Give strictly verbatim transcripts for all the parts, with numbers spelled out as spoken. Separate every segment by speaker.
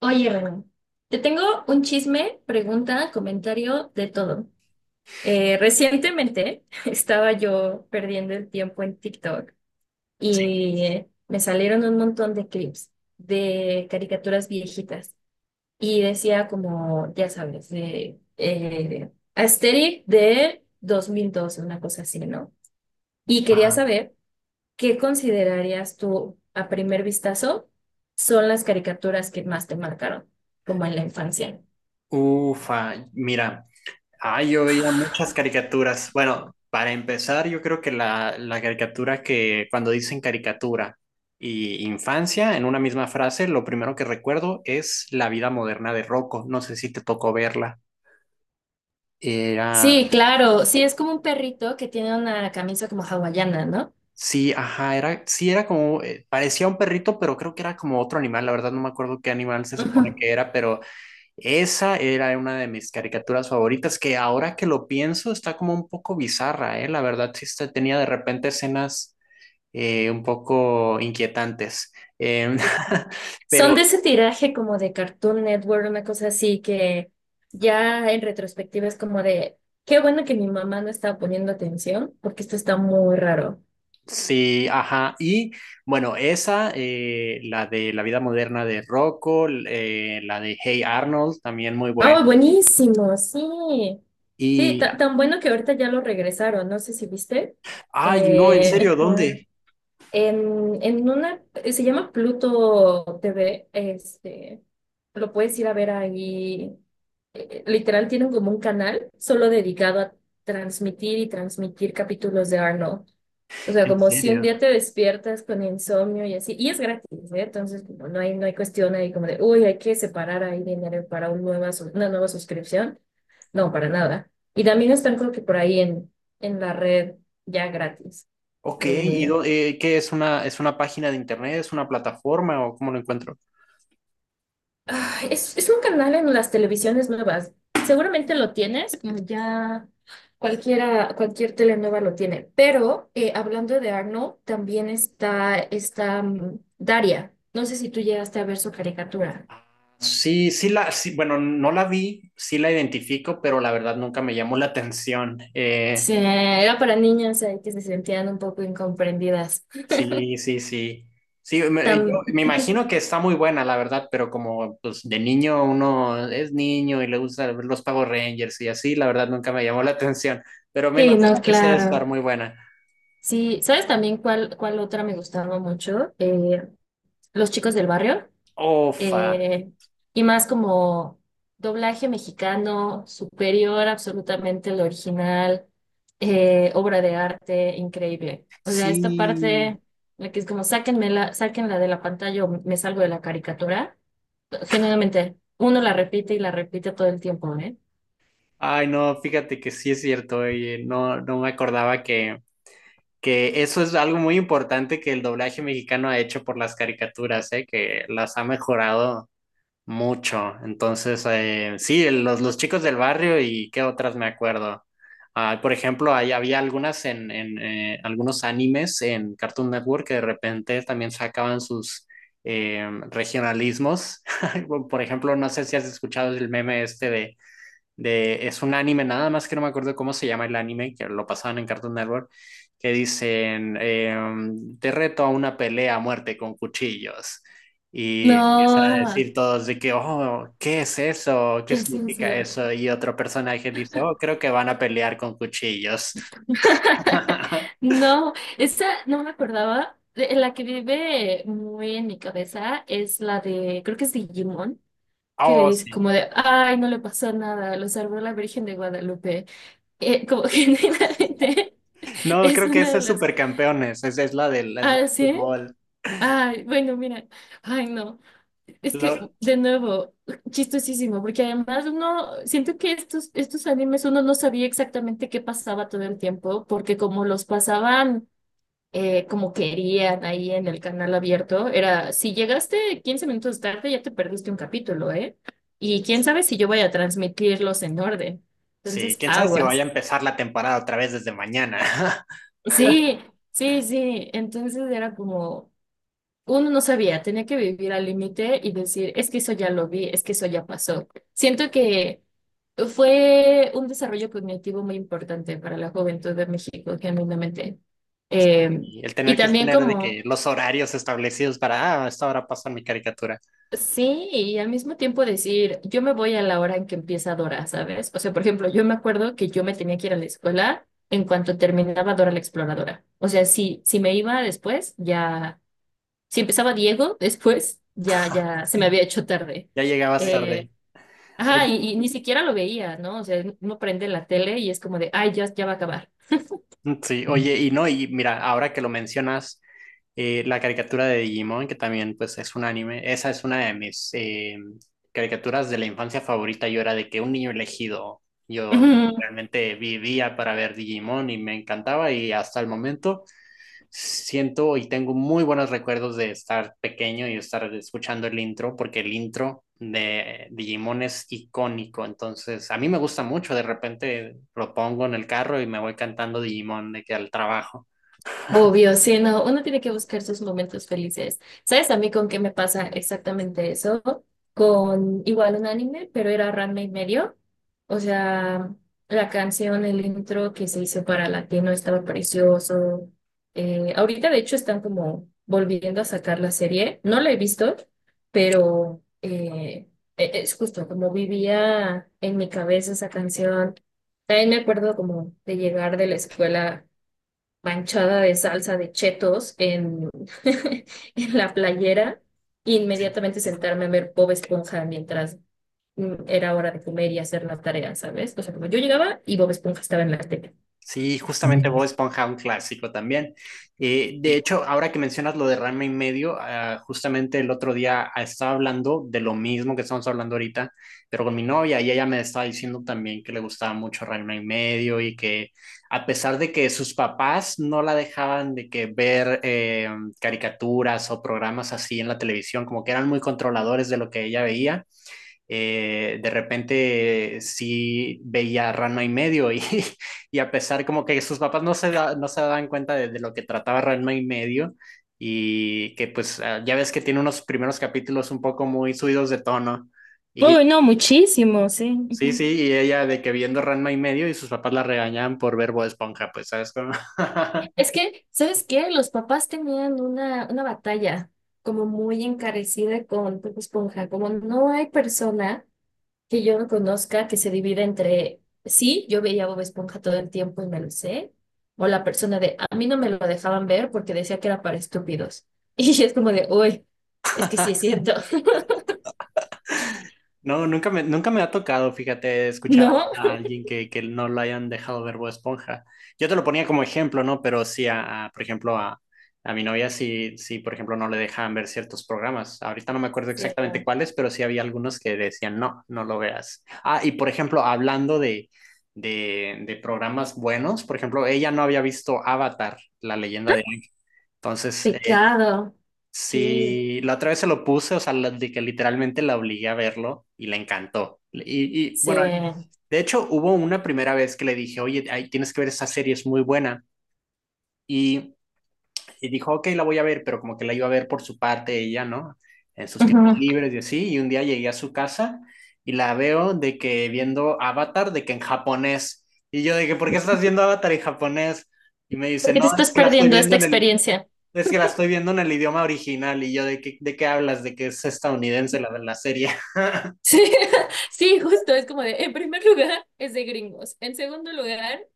Speaker 1: Oye, Renan, te tengo un chisme, pregunta, comentario, de todo. Eh, recientemente estaba yo perdiendo el tiempo en TikTok
Speaker 2: Sí.
Speaker 1: y me salieron un montón de clips de caricaturas viejitas y decía como, ya sabes, de eh, Asterix de dos mil doce, una cosa así, ¿no? Y quería
Speaker 2: Ajá.
Speaker 1: saber qué considerarías tú a primer vistazo son las caricaturas que más te marcaron, como en la infancia.
Speaker 2: Ufa, mira, ah, yo veía muchas caricaturas. Bueno, para empezar, yo creo que la, la caricatura que cuando dicen caricatura y infancia en una misma frase, lo primero que recuerdo es La vida moderna de Rocco. No sé si te tocó verla. Era,
Speaker 1: Sí, claro, sí, es como un perrito que tiene una camisa como hawaiana, ¿no?
Speaker 2: sí, ajá, era, sí, era como, eh, parecía un perrito, pero creo que era como otro animal. La verdad no me acuerdo qué animal se supone
Speaker 1: Ujú.
Speaker 2: que era, pero esa era una de mis caricaturas favoritas, que ahora que lo pienso está como un poco bizarra, ¿eh? La verdad sí está- tenía de repente escenas eh, un poco inquietantes. Em,
Speaker 1: Son
Speaker 2: pero
Speaker 1: de ese tiraje como de Cartoon Network, una cosa así que ya en retrospectiva es como de, qué bueno que mi mamá no estaba poniendo atención, porque esto está muy raro.
Speaker 2: sí, ajá. Y bueno, esa, eh, la de La vida moderna de Rocco, l- eh, la de Hey Arnold, también muy buena.
Speaker 1: Ah, buenísimo, sí. Sí,
Speaker 2: Y
Speaker 1: ta- tan bueno que ahorita ya lo regresaron, no sé si viste.
Speaker 2: ay, no, ¿en
Speaker 1: Eh,
Speaker 2: serio,
Speaker 1: ajá.
Speaker 2: dónde?
Speaker 1: En, en una, eh, se llama Pluto T V, este, lo puedes ir a ver ahí. eh, Literal tienen como un canal solo dedicado a transmitir y transmitir capítulos de Arnold. O sea,
Speaker 2: En
Speaker 1: como si un
Speaker 2: serio.
Speaker 1: día te despiertas con insomnio y así, y es gratis, ¿eh? Entonces, como no hay, no hay cuestión ahí como de, uy, hay que separar ahí dinero para un nueva, sus- una nueva suscripción. No, para nada. Y también están creo que por ahí en, en la red ya gratis.
Speaker 2: Ok, ¿y
Speaker 1: Eh,
Speaker 2: dó- eh, qué es, una, es una página de internet, es una plataforma o cómo lo encuentro?
Speaker 1: Ay, es, es un canal en las televisiones nuevas. Seguramente lo tienes, como ya cualquiera, cualquier tele nueva lo tiene. Pero eh, hablando de Arnold, también está, está mm, Daria. No sé si tú llegaste a ver su caricatura.
Speaker 2: Sí, sí la, sí, bueno, no la vi, sí la identifico, pero la verdad nunca me llamó la atención. Eh,
Speaker 1: Sí, era para niñas ahí que se sentían un poco incomprendidas.
Speaker 2: sí, sí, sí. Sí, me, yo
Speaker 1: Tam-
Speaker 2: me imagino que está muy buena, la verdad, pero como pues de niño uno es niño y le gusta ver los Power Rangers y así, la verdad nunca me llamó la atención, pero me
Speaker 1: Sí, no,
Speaker 2: imagino que sí ha de estar
Speaker 1: claro.
Speaker 2: muy buena.
Speaker 1: Sí, ¿sabes también cuál, cuál otra me gustaba mucho? Eh, Los chicos del barrio.
Speaker 2: Ofa,
Speaker 1: eh, y más como doblaje mexicano superior absolutamente al original, eh, obra de arte increíble. O sea, esta
Speaker 2: sí.
Speaker 1: parte, la que es como sáquenmela, sáquenla de la pantalla o me salgo de la caricatura, genuinamente uno la repite y la repite todo el tiempo, ¿eh?
Speaker 2: Ay, no, fíjate que sí es cierto, oye, no, no me acordaba que que eso es algo muy importante que el doblaje mexicano ha hecho por las caricaturas, ¿eh?, que las ha mejorado mucho. Entonces, eh, sí, los, los chicos del barrio y qué otras me acuerdo. Ah, por ejemplo, ahí había algunas en, en eh, algunos animes en Cartoon Network que de repente también sacaban sus eh, regionalismos. Por ejemplo, no sé si has escuchado el meme este de de, es un anime, nada más que no me acuerdo cómo se llama el anime, que lo pasaban en Cartoon Network, que dicen, eh, te reto a una pelea a muerte con cuchillos. Y empiezan a
Speaker 1: No,
Speaker 2: decir todos de que, oh, ¿qué es eso? ¿Qué
Speaker 1: ¿qué es eso?
Speaker 2: significa eso? Y otro personaje dice, oh, creo que van a pelear con cuchillos.
Speaker 1: No, esa no me acordaba. De- La que vive muy en mi cabeza es la de, creo que es Digimon, que le
Speaker 2: Oh,
Speaker 1: dice
Speaker 2: sí.
Speaker 1: como de, ay, no le pasó nada, lo salvó la Virgen de Guadalupe. Eh, como generalmente
Speaker 2: No,
Speaker 1: es
Speaker 2: creo que
Speaker 1: una
Speaker 2: esa
Speaker 1: de
Speaker 2: es
Speaker 1: las,
Speaker 2: Supercampeones, esa es la del, la del
Speaker 1: ah, sí,
Speaker 2: fútbol.
Speaker 1: ay, bueno, mira, ay, no, es que
Speaker 2: Lo-
Speaker 1: de nuevo, chistosísimo, porque además uno, siento que estos, estos animes uno no sabía exactamente qué pasaba todo el tiempo, porque como los pasaban eh, como querían ahí en el canal abierto, era, si llegaste quince minutos tarde, ya te perdiste un capítulo, ¿eh? Y quién sabe si yo voy a transmitirlos en orden.
Speaker 2: sí,
Speaker 1: Entonces,
Speaker 2: quién sabe si vaya a
Speaker 1: aguas.
Speaker 2: empezar la temporada otra vez desde mañana.
Speaker 1: Sí, sí, sí. Entonces era como, uno no sabía, tenía que vivir al límite y decir, es que eso ya lo vi, es que eso ya pasó. Siento que fue un desarrollo cognitivo muy importante para la juventud de México, genuinamente. Em,
Speaker 2: Y el
Speaker 1: y
Speaker 2: tener que
Speaker 1: también
Speaker 2: tener de
Speaker 1: como
Speaker 2: que los horarios establecidos para, ah, a esta hora pasa mi caricatura.
Speaker 1: sí, y al mismo tiempo decir, yo me voy a la hora en que empieza Dora, ¿sabes? O sea, por ejemplo, yo me acuerdo que yo me tenía que ir a la escuela en cuanto terminaba Dora la Exploradora. O sea, si, si me iba después, ya, si empezaba Diego después, ya, ya se me había hecho tarde.
Speaker 2: Ya
Speaker 1: Sí.
Speaker 2: llegabas
Speaker 1: Eh,
Speaker 2: tarde. Oye,
Speaker 1: ajá, y, y ni siquiera lo veía, ¿no? O sea, uno prende la tele y es como de, ay, ya, ya va a acabar.
Speaker 2: mm, sí, oye, y no, y mira, ahora que lo mencionas, eh, la caricatura de Digimon, que también pues es un anime, esa es una de mis eh, caricaturas de la infancia favorita. Yo era de que un niño elegido, yo realmente vivía para ver Digimon y me encantaba, y hasta el momento siento y tengo muy buenos recuerdos de estar pequeño y estar escuchando el intro, porque el intro de Digimon es icónico, entonces a mí me gusta mucho, de repente lo pongo en el carro y me voy cantando Digimon de que al trabajo.
Speaker 1: Obvio, sí, no, uno tiene que buscar sus momentos felices. ¿Sabes a mí con qué me pasa exactamente eso? Con igual un anime, pero era Ranma y medio. O sea, la canción, el intro que se hizo para Latino estaba precioso. Eh, ahorita, de hecho, están como volviendo a sacar la serie. No la he visto, pero eh, e- es justo como vivía en mi cabeza esa canción. También me acuerdo como de llegar de la escuela manchada de salsa de chetos en, en la playera e
Speaker 2: Sí,
Speaker 1: inmediatamente sentarme a ver Bob Esponja mientras mm, era hora de comer y hacer la tarea, ¿sabes? O sea, como yo llegaba y Bob Esponja estaba en la tele.
Speaker 2: sí, justamente
Speaker 1: Sí.
Speaker 2: Bob Esponja, un clásico también. Eh, de hecho, ahora que mencionas lo de Rama y medio, ah, justamente el otro día ah, estaba hablando de lo mismo que estamos hablando ahorita, pero con mi novia y ella me estaba diciendo también que le gustaba mucho Rama y medio, y que a pesar de que sus papás no la dejaban de que ver eh, caricaturas o programas así en la televisión, como que eran muy controladores de lo que ella veía, eh, de repente sí veía Rano y medio y, y a pesar como que sus papás no se, da- no se daban cuenta de, de lo que trataba Rano y medio, y que pues ah, ya ves que tiene unos primeros capítulos un poco muy subidos de tono, y
Speaker 1: Uy, no, muchísimo, sí.
Speaker 2: sí, sí,
Speaker 1: Ujú.
Speaker 2: y ella de que viendo Ranma y medio y sus papás la regañaban por ver Bob Esponja, pues sabes cómo.
Speaker 1: Es que, ¿sabes qué? Los papás tenían una, una batalla como muy encarecida con Bob Esponja, como no hay persona que yo no conozca que se divida entre, sí, yo veía Bob Esponja todo el tiempo y me lo sé, o la persona de, a mí no me lo dejaban ver porque decía que era para estúpidos. Y es como de, uy, es que sí es cierto,
Speaker 2: No, nunca me, nunca me ha tocado, fíjate, escuchar
Speaker 1: ¿no?
Speaker 2: a, a alguien que, que no lo hayan dejado ver Bob Esponja. Yo te lo ponía como ejemplo, ¿no? Pero sí, a, a, por ejemplo, a, a mi novia sí, sí, por ejemplo, no le dejaban ver ciertos programas. Ahorita no me acuerdo
Speaker 1: Sí.
Speaker 2: exactamente cuáles, pero sí había algunos que decían, no, no lo veas. Ah, y por ejemplo, hablando de, de, de programas buenos, por ejemplo, ella no había visto Avatar, la leyenda de... Aang. Entonces, eh,
Speaker 1: Pecado, sí,
Speaker 2: sí, la otra vez se lo puse, o sea, la- de que literalmente la obligué a verlo y le encantó. Y, y
Speaker 1: sí.
Speaker 2: bueno, de hecho hubo una primera vez que le dije, oye, ay, tienes que ver esa serie, es muy buena. Y y dijo, ok, la voy a ver, pero como que la iba a ver por su parte ella, ¿no? En sus tiempos
Speaker 1: Ujú.
Speaker 2: libres y así. Y un día llegué a su casa y la veo de que viendo Avatar, de que en japonés. Y yo de que, ¿por qué estás viendo Avatar en japonés? Y me
Speaker 1: ¿Por
Speaker 2: dice,
Speaker 1: te
Speaker 2: no, es
Speaker 1: estás
Speaker 2: que la estoy
Speaker 1: perdiendo
Speaker 2: viendo
Speaker 1: esta
Speaker 2: en el,
Speaker 1: experiencia?
Speaker 2: es que la estoy viendo en el idioma original, y yo de qué, de qué hablas, de que es estadounidense la de la serie.
Speaker 1: Sí, sí, justo, es como de, en primer lugar es de gringos, en segundo lugar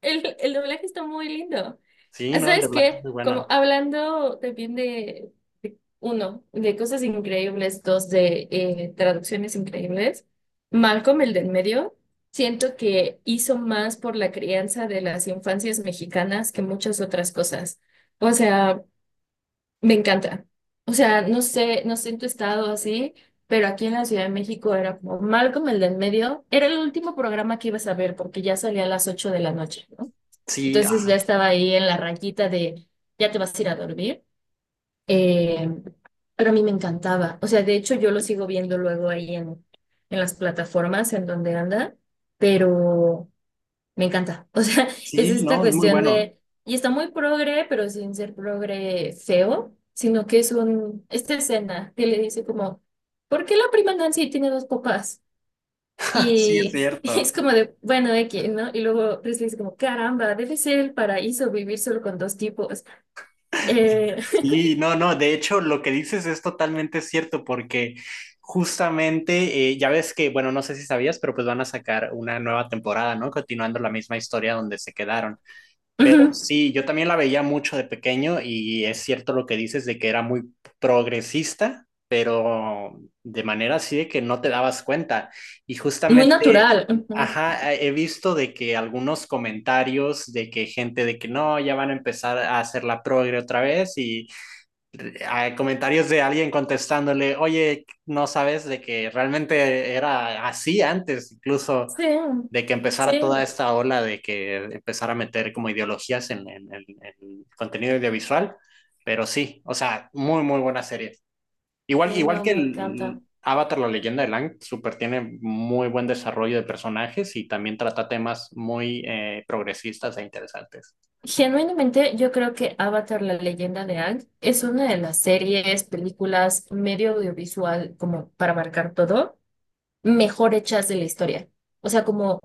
Speaker 1: El, el doblaje está muy lindo.
Speaker 2: Sí,
Speaker 1: Ah,
Speaker 2: no, el de
Speaker 1: ¿sabes
Speaker 2: Black es
Speaker 1: qué?
Speaker 2: muy bueno.
Speaker 1: Como hablando también de, de- uno, de cosas increíbles, dos, de eh, traducciones increíbles, Malcolm, el del medio, siento que hizo más por la crianza de las infancias mexicanas que muchas otras cosas. O sea, me encanta. O sea, no sé, no sé en tu estado así, pero aquí en la Ciudad de México era como Malcolm, el del medio, era el último programa que ibas a ver porque ya salía a las ocho de la noche, ¿no?
Speaker 2: Sí,
Speaker 1: Entonces ya
Speaker 2: ajá.
Speaker 1: estaba ahí en la raquita de, ya te vas a ir a dormir. Eh, pero a mí me encantaba. O sea, de hecho yo lo sigo viendo luego ahí en, en las plataformas en donde anda, pero me encanta. O sea, es
Speaker 2: Sí,
Speaker 1: esta
Speaker 2: no, es muy
Speaker 1: cuestión
Speaker 2: bueno.
Speaker 1: de, y está muy progre, pero sin ser progre feo, sino que es un, esta escena que le dice como, ¿por qué la prima Nancy tiene dos papás?
Speaker 2: Sí, es
Speaker 1: Y
Speaker 2: cierto.
Speaker 1: es como de, bueno, X, ¿no? Y luego Presley dice como, caramba, debe ser el paraíso vivir solo con dos tipos. Eh,
Speaker 2: Sí, no, no, de hecho lo que dices es totalmente cierto, porque justamente eh, ya ves que, bueno, no sé si sabías, pero pues van a sacar una nueva temporada, ¿no? Continuando la misma historia donde se quedaron. Pero
Speaker 1: Ujú,
Speaker 2: sí, yo también la veía mucho de pequeño y es cierto lo que dices de que era muy progresista, pero de manera así de que no te dabas cuenta. Y
Speaker 1: muy
Speaker 2: justamente,
Speaker 1: natural. Ujú.
Speaker 2: ajá, he visto de que algunos comentarios de que gente de que no, ya van a empezar a hacer la progre otra vez y a comentarios de alguien contestándole, oye, no sabes de que realmente era así antes, incluso
Speaker 1: Sí,
Speaker 2: de que
Speaker 1: sí,
Speaker 2: empezara toda esta ola de que empezara a meter como ideologías en el contenido audiovisual, pero sí, o sea, muy, muy buena serie. Igual,
Speaker 1: sí,
Speaker 2: igual
Speaker 1: no,
Speaker 2: que
Speaker 1: me encanta.
Speaker 2: el Avatar, la leyenda de Lang, super tiene muy buen desarrollo de personajes y también trata temas muy eh, progresistas e interesantes.
Speaker 1: Genuinamente, yo creo que Avatar, la leyenda de Aang, es una de las series, películas, medio audiovisual, como para marcar todo, mejor hechas de la historia. O sea, como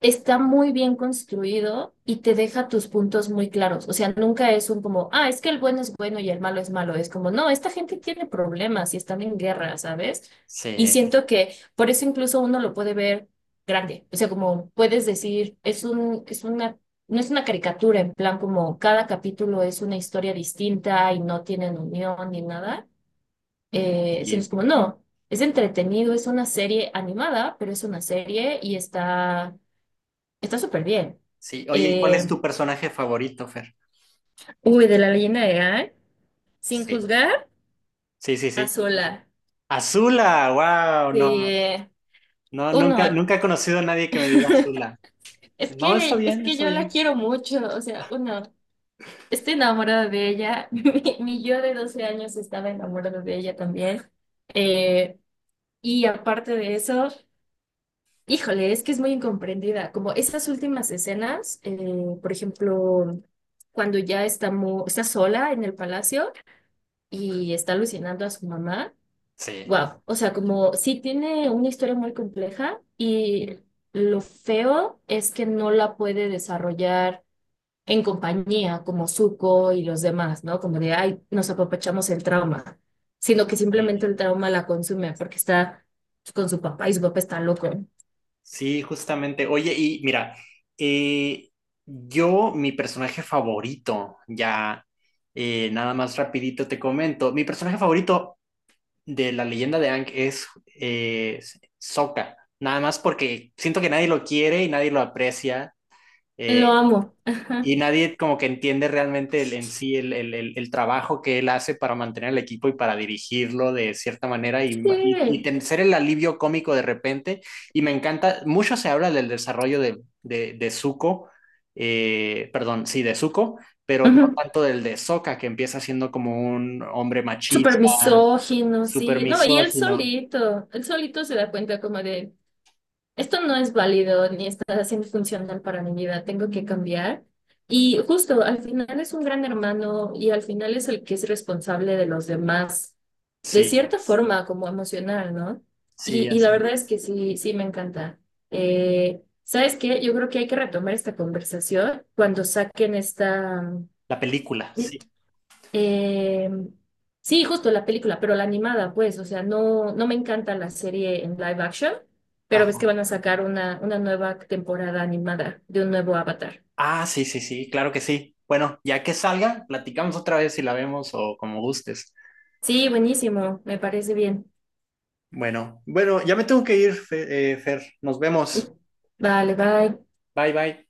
Speaker 1: está muy bien construido y te deja tus puntos muy claros. O sea, nunca es un como, ah, es que el bueno es bueno y el malo es malo. Es como, no, esta gente tiene problemas y están en guerra, ¿sabes? Y
Speaker 2: Sí,
Speaker 1: siento que por eso incluso uno lo puede ver grande. O sea, como puedes decir, es un, es una, no es una caricatura, en plan como cada capítulo es una historia distinta y no tienen unión ni nada. Eh, sino
Speaker 2: y
Speaker 1: es como, no, es entretenido, es una serie animada, pero es una serie y está, está súper bien.
Speaker 2: sí. Oye, ¿cuál es
Speaker 1: Eh,
Speaker 2: tu personaje favorito, Fer?
Speaker 1: Uy, de la leyenda de Aang, sin
Speaker 2: Sí,
Speaker 1: juzgar
Speaker 2: sí, sí,
Speaker 1: a
Speaker 2: sí.
Speaker 1: sola.
Speaker 2: Azula, wow, no,
Speaker 1: De
Speaker 2: no, nunca,
Speaker 1: uno,
Speaker 2: nunca he conocido a nadie que me diga Azula.
Speaker 1: es
Speaker 2: No, está
Speaker 1: que, es
Speaker 2: bien,
Speaker 1: que
Speaker 2: está
Speaker 1: yo la
Speaker 2: bien.
Speaker 1: quiero mucho. O sea, uno, estoy enamorada de ella. Mi, mi yo de doce años estaba enamorada de ella también. Eh, y aparte de eso, híjole, es que es muy incomprendida. Como esas últimas escenas, eh, por ejemplo, cuando ya está, mu- está sola en el palacio y está alucinando a su mamá.
Speaker 2: Sí,
Speaker 1: Wow, o sea, como sí tiene una historia muy compleja y lo feo es que no la puede desarrollar en compañía como Zuko y los demás, ¿no? Como de, ay, nos apapachamos el trauma, sino que simplemente el
Speaker 2: y-
Speaker 1: trauma la consume porque está con su papá y su papá está loco.
Speaker 2: sí, justamente. Oye, y mira, eh, yo, mi personaje favorito, ya, eh, nada más rapidito te comento, mi personaje favorito de la leyenda de Aang es eh, Sokka, nada más porque siento que nadie lo quiere y nadie lo aprecia.
Speaker 1: Lo
Speaker 2: eh,
Speaker 1: amo. Ajá.
Speaker 2: y nadie como que entiende realmente el, en sí el, el, el, el trabajo que él hace para mantener el equipo y para dirigirlo de cierta manera, y, y, y
Speaker 1: Sí.
Speaker 2: ten- ser el alivio cómico de repente. Y me encanta, mucho se habla del desarrollo de, de, de Zuko, eh, perdón, sí, de Zuko, pero no
Speaker 1: Ajá.
Speaker 2: tanto del de Sokka, que empieza siendo como un hombre
Speaker 1: Súper
Speaker 2: machista,
Speaker 1: misógino,
Speaker 2: súper
Speaker 1: sí. No, y él
Speaker 2: misógino.
Speaker 1: solito, él solito se da cuenta como de... esto no es válido ni está siendo funcional para mi vida, tengo que cambiar. Y justo al final es un gran hermano y al final es el que es responsable de los demás, de
Speaker 2: Sí,
Speaker 1: cierta forma como emocional, ¿no?
Speaker 2: sí,
Speaker 1: Y, y la
Speaker 2: así.
Speaker 1: verdad es que sí, sí me encanta. Eh, ¿sabes qué? Yo creo que hay que retomar esta conversación cuando saquen esta...
Speaker 2: La película, sí.
Speaker 1: Eh, sí, justo la película, pero la animada, pues, o sea, no, no me encanta la serie en live action, pero ves que
Speaker 2: Ajá.
Speaker 1: van a sacar una, una nueva temporada animada de un nuevo Avatar.
Speaker 2: Ah, sí, sí, sí, claro que sí. Bueno, ya que salga, platicamos otra vez si la vemos o como gustes.
Speaker 1: Sí, buenísimo, me parece bien.
Speaker 2: Bueno, bueno, ya me tengo que ir, Fe- eh, Fer. Nos vemos.
Speaker 1: Vale, bye.
Speaker 2: Bye, bye.